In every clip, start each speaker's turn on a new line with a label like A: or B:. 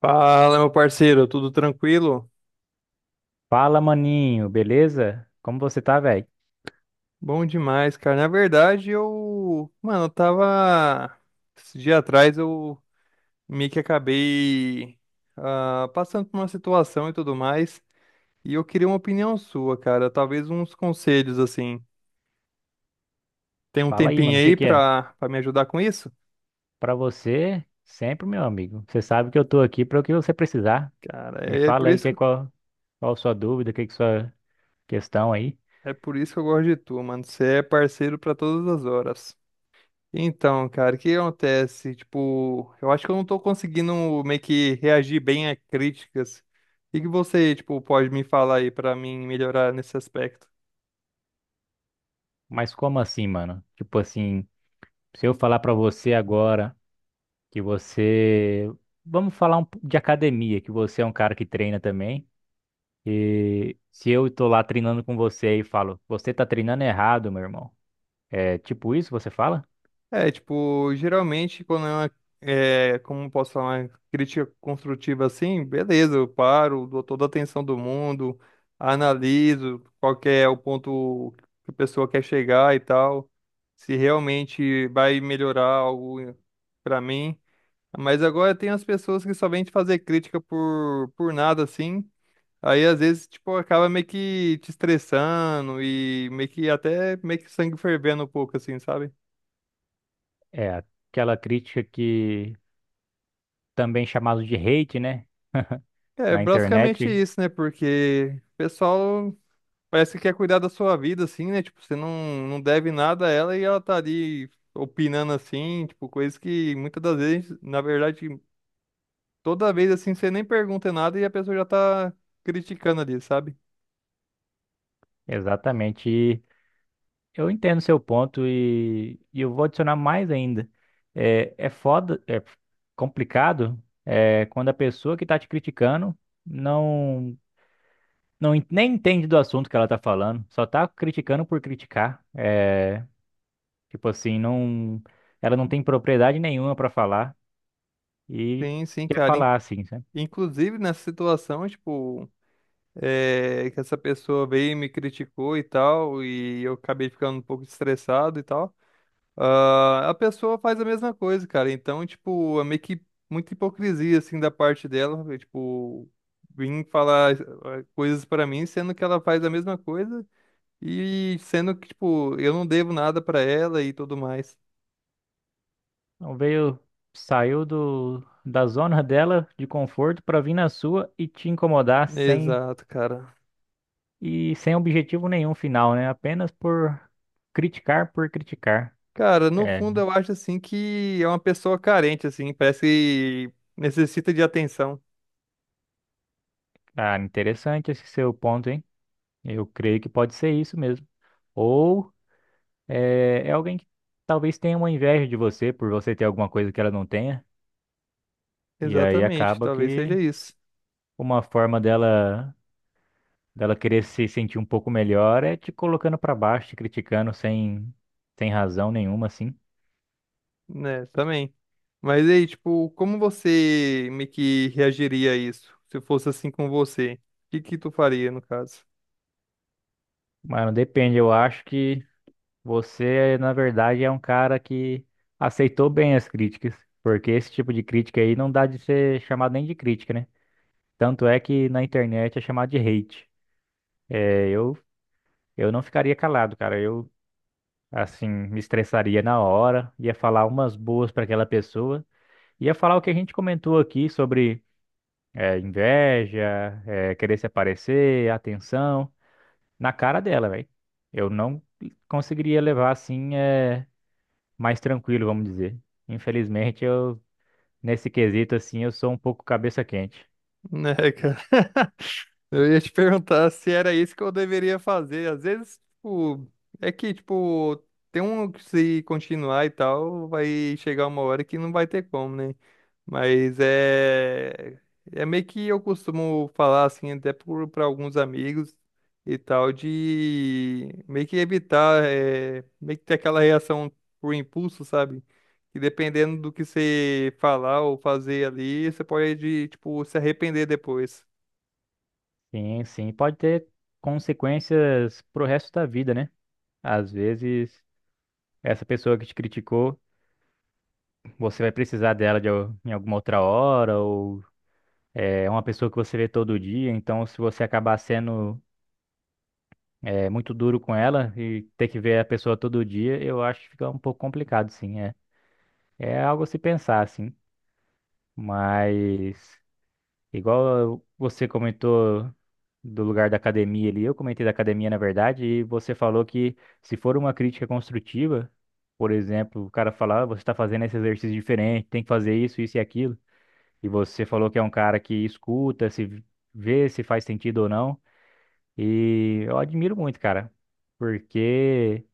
A: Fala, meu parceiro, tudo tranquilo?
B: Fala, maninho, beleza? Como você tá, velho?
A: Bom demais, cara. Na verdade, mano, eu tava esse dia atrás eu meio que acabei passando por uma situação e tudo mais, e eu queria uma opinião sua, cara, talvez uns conselhos assim. Tem um
B: Fala aí,
A: tempinho
B: mano, o que
A: aí
B: que é?
A: pra me ajudar com isso?
B: Pra você, sempre, meu amigo. Você sabe que eu tô aqui para o que você precisar.
A: Cara,
B: Me
A: é por
B: fala aí que
A: isso,
B: é
A: que-
B: qual sua dúvida, que sua questão aí.
A: É por isso que eu gosto de tu, mano. Você é parceiro pra todas as horas. Então, cara, o que acontece? Tipo, eu acho que eu não tô conseguindo meio que reagir bem a críticas. O que que você, tipo, pode me falar aí pra mim melhorar nesse aspecto?
B: Mas como assim, mano? Tipo assim, se eu falar pra você agora que você, vamos falar um, pouco de academia, que você é um cara que treina também, e se eu tô lá treinando com você e falo, você tá treinando errado, meu irmão. É tipo isso que você fala?
A: É, tipo, geralmente quando é como posso falar, uma crítica construtiva assim, beleza, eu paro, dou toda a atenção do mundo, analiso qual que é o ponto que a pessoa quer chegar e tal, se realmente vai melhorar algo pra mim. Mas agora tem as pessoas que só vêm te fazer crítica por nada, assim. Aí às vezes, tipo, acaba meio que te estressando e meio que até meio que sangue fervendo um pouco, assim, sabe?
B: É, Aquela crítica que também chamado de hate, né?
A: É
B: Na
A: basicamente
B: internet.
A: isso, né? Porque o pessoal parece que quer cuidar da sua vida, assim, né? Tipo, você não, não deve nada a ela e ela tá ali opinando assim, tipo, coisas que muitas das vezes, na verdade, toda vez assim, você nem pergunta nada e a pessoa já tá criticando ali, sabe?
B: Exatamente. Eu entendo seu ponto e eu vou adicionar mais ainda. É foda, é complicado, é, quando a pessoa que tá te criticando não, nem entende do assunto que ela tá falando, só tá criticando por criticar. É, tipo assim, não, ela não tem propriedade nenhuma pra falar e
A: Sim, sim,
B: quer
A: cara.
B: falar assim, sabe?
A: Inclusive, nessa situação, tipo, que essa pessoa veio e me criticou e tal, e eu acabei ficando um pouco estressado e tal, a pessoa faz a mesma coisa, cara. Então, tipo, é meio que muita hipocrisia, assim, da parte dela, eu, tipo, vim falar coisas pra mim, sendo que ela faz a mesma coisa e sendo que, tipo, eu não devo nada pra ela e tudo mais.
B: Então veio, saiu da zona dela de conforto para vir na sua e te incomodar sem
A: Exato, cara.
B: e sem objetivo nenhum final, né? Apenas por criticar por criticar.
A: Cara, no
B: É,
A: fundo eu acho assim que é uma pessoa carente, assim, parece que necessita de atenção.
B: cara, interessante esse seu ponto, hein? Eu creio que pode ser isso mesmo. Ou é alguém que talvez tenha uma inveja de você por você ter alguma coisa que ela não tenha, e aí
A: Exatamente,
B: acaba
A: talvez seja
B: que
A: isso,
B: uma forma dela querer se sentir um pouco melhor é te colocando pra baixo, te criticando sem, sem razão nenhuma, assim.
A: né? Também. Mas aí, tipo, como você meio que reagiria a isso? Se fosse assim com você, o que que tu faria no caso?
B: Mano, depende. Eu acho que você, na verdade, é um cara que aceitou bem as críticas, porque esse tipo de crítica aí não dá de ser chamado nem de crítica, né? Tanto é que na internet é chamado de hate. É, eu, eu não ficaria calado, cara. Eu, assim, me estressaria na hora, ia falar umas boas pra aquela pessoa, ia falar o que a gente comentou aqui sobre. É, inveja, é, querer se aparecer, atenção, na cara dela, velho. Eu não conseguiria levar assim, é, mais tranquilo, vamos dizer. Infelizmente, eu, nesse quesito, assim, eu sou um pouco cabeça quente.
A: Né, cara? Eu ia te perguntar se era isso que eu deveria fazer. Às vezes, tipo, é que, tipo, tem um que se continuar e tal, vai chegar uma hora que não vai ter como, né? Mas é. É meio que eu costumo falar assim, pra alguns amigos e tal, de meio que evitar, meio que ter aquela reação por impulso, sabe? E dependendo do que você falar ou fazer ali, você pode, tipo, se arrepender depois.
B: Sim, sim, pode ter consequências pro resto da vida, né? Às vezes, essa pessoa que te criticou, você vai precisar dela em alguma outra hora, ou é uma pessoa que você vê todo dia, então se você acabar sendo é muito duro com ela e ter que ver a pessoa todo dia, eu acho que fica um pouco complicado, sim, é. É algo a se pensar, assim. Mas igual você comentou do lugar da academia ali, eu comentei da academia, na verdade, e você falou que se for uma crítica construtiva, por exemplo, o cara falar, "Ah, você está fazendo esse exercício diferente, tem que fazer isso, isso e aquilo, e você falou que é um cara que escuta, se vê se faz sentido ou não. E eu admiro muito, cara, porque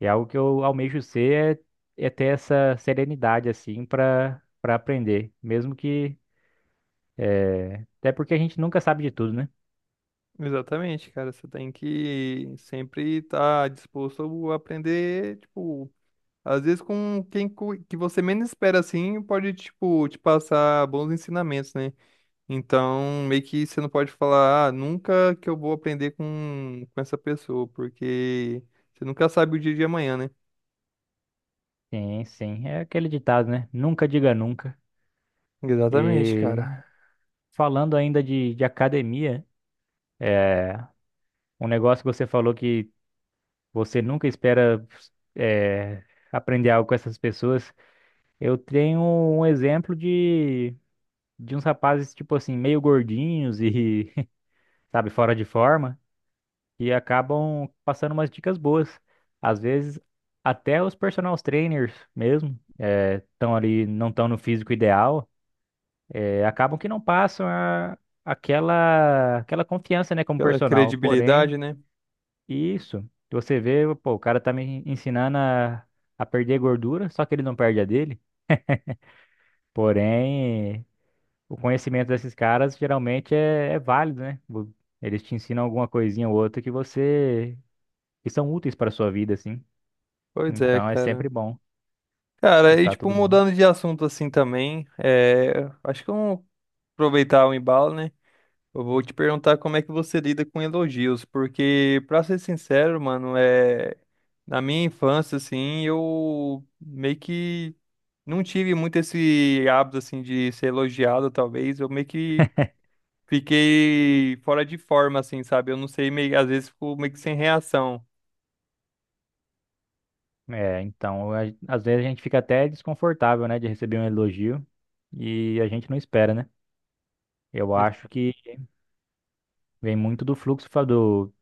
B: é algo que eu almejo ser, é ter essa serenidade, assim, pra aprender. Mesmo que. Até porque a gente nunca sabe de tudo, né?
A: Exatamente, cara. Você tem que sempre estar disposto a aprender, tipo, às vezes com que você menos espera assim, pode, tipo, te passar bons ensinamentos, né? Então, meio que você não pode falar, ah, nunca que eu vou aprender com essa pessoa, porque você nunca sabe o dia de amanhã, né?
B: Sim, sim. É aquele ditado, né? Nunca diga nunca.
A: Exatamente,
B: E
A: cara.
B: falando ainda de academia, é, um negócio que você falou que você nunca espera é, aprender algo com essas pessoas. Eu tenho um exemplo de. De uns rapazes, tipo assim, meio gordinhos e, sabe, fora de forma, e acabam passando umas dicas boas. Às vezes, até os personal trainers mesmo, estão ali, não estão no físico ideal, acabam que não passam a- aquela confiança, né, como
A: Aquela
B: personal. Porém,
A: credibilidade, né?
B: isso, você vê, pô, o cara tá me ensinando a perder gordura, só que ele não perde a dele. Porém. O conhecimento desses caras geralmente é válido, né? Vo- Eles te ensinam alguma coisinha ou outra que você que são úteis para a sua vida, assim.
A: Pois é,
B: Então é
A: cara.
B: sempre bom
A: Cara, e
B: escutar
A: tipo,
B: todo mundo.
A: mudando de assunto assim também, é, acho que eu vou aproveitar o embalo, né? Eu vou te perguntar como é que você lida com elogios, porque, pra ser sincero, mano, é... na minha infância, assim, eu meio que não tive muito esse hábito, assim, de ser elogiado, talvez. Eu meio que fiquei fora de forma, assim, sabe? Eu não sei, meio... às vezes fico meio que sem reação.
B: É, então a- às vezes a gente fica até desconfortável, né, de receber um elogio e a gente não espera, né? Eu
A: Ex-
B: acho que vem muito do fluxo fa- do,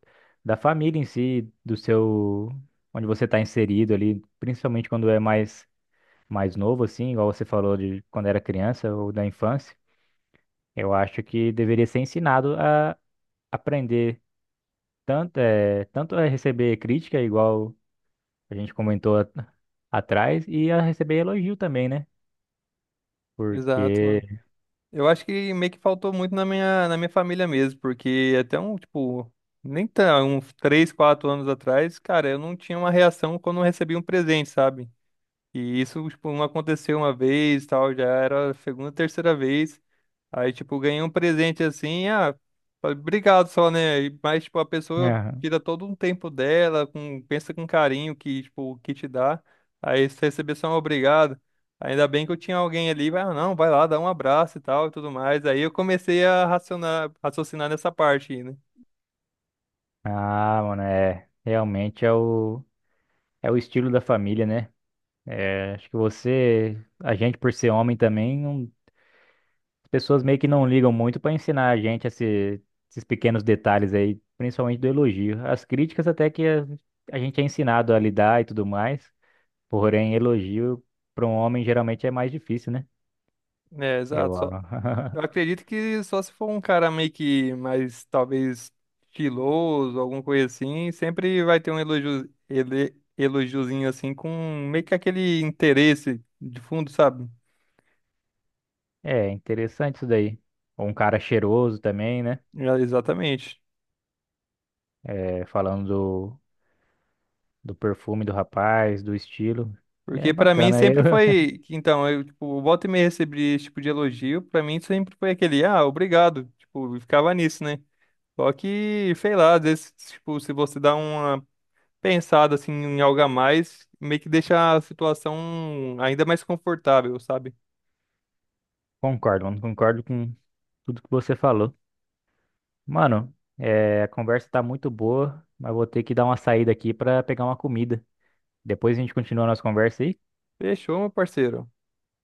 B: da família em si, do seu onde você está inserido ali, principalmente quando é mais novo, assim, igual você falou de quando era criança ou da infância. Eu acho que deveria ser ensinado a aprender tanto a receber crítica, igual a gente comentou a- atrás, e a receber elogio também, né?
A: Exato,
B: Porque,
A: mano. Eu acho que meio que faltou muito na minha família mesmo, porque até um, tipo, nem tão, uns 3 ou 4 anos atrás, cara, eu não tinha uma reação quando eu recebia um presente, sabe? E isso, tipo, não aconteceu uma vez, tal, já era a segunda, terceira vez. Aí, tipo, ganhei um presente assim, ah, falei, obrigado só, né? Mas, tipo, a pessoa
B: Aham.
A: tira todo um tempo dela, pensa com carinho que, tipo, o que te dá. Aí, se receber só um obrigado, ainda bem que eu tinha alguém ali, vai, ah, não, vai lá, dá um abraço e tal e tudo mais. Aí eu comecei a raciocinar nessa parte aí, né?
B: Ah, mano, realmente é o estilo da família, né? É, acho que você, a gente por ser homem também, não- as pessoas meio que não ligam muito para ensinar a gente esse- esses pequenos detalhes aí, principalmente do elogio. As críticas até que a gente é ensinado a lidar e tudo mais. Porém, elogio para um homem geralmente é mais difícil, né?
A: É,
B: Eu,
A: exato. Eu acredito que só se for um cara meio que mais, talvez, estiloso, alguma coisa assim, sempre vai ter um elogio, elogiozinho assim, com meio que aquele interesse de fundo, sabe?
B: é interessante isso daí. Um cara cheiroso também, né?
A: É, exatamente.
B: É, falando do, do perfume do rapaz, do estilo. É
A: Porque pra mim
B: bacana, eu
A: sempre foi, que, então, eu, tipo, volta e meia recebi esse tipo de elogio, pra mim sempre foi aquele, ah, obrigado, tipo, eu ficava nisso, né? Só que, sei lá, às vezes, tipo, se você dá uma pensado assim em algo a mais, meio que deixa a situação ainda mais confortável, sabe?
B: concordo, mano. Concordo com tudo que você falou. Mano, é, a conversa tá muito boa, mas vou ter que dar uma saída aqui pra pegar uma comida. Depois a gente continua a nossa conversa aí.
A: Fechou, meu parceiro.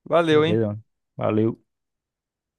A: Valeu, hein?
B: Beleza, mano. Valeu.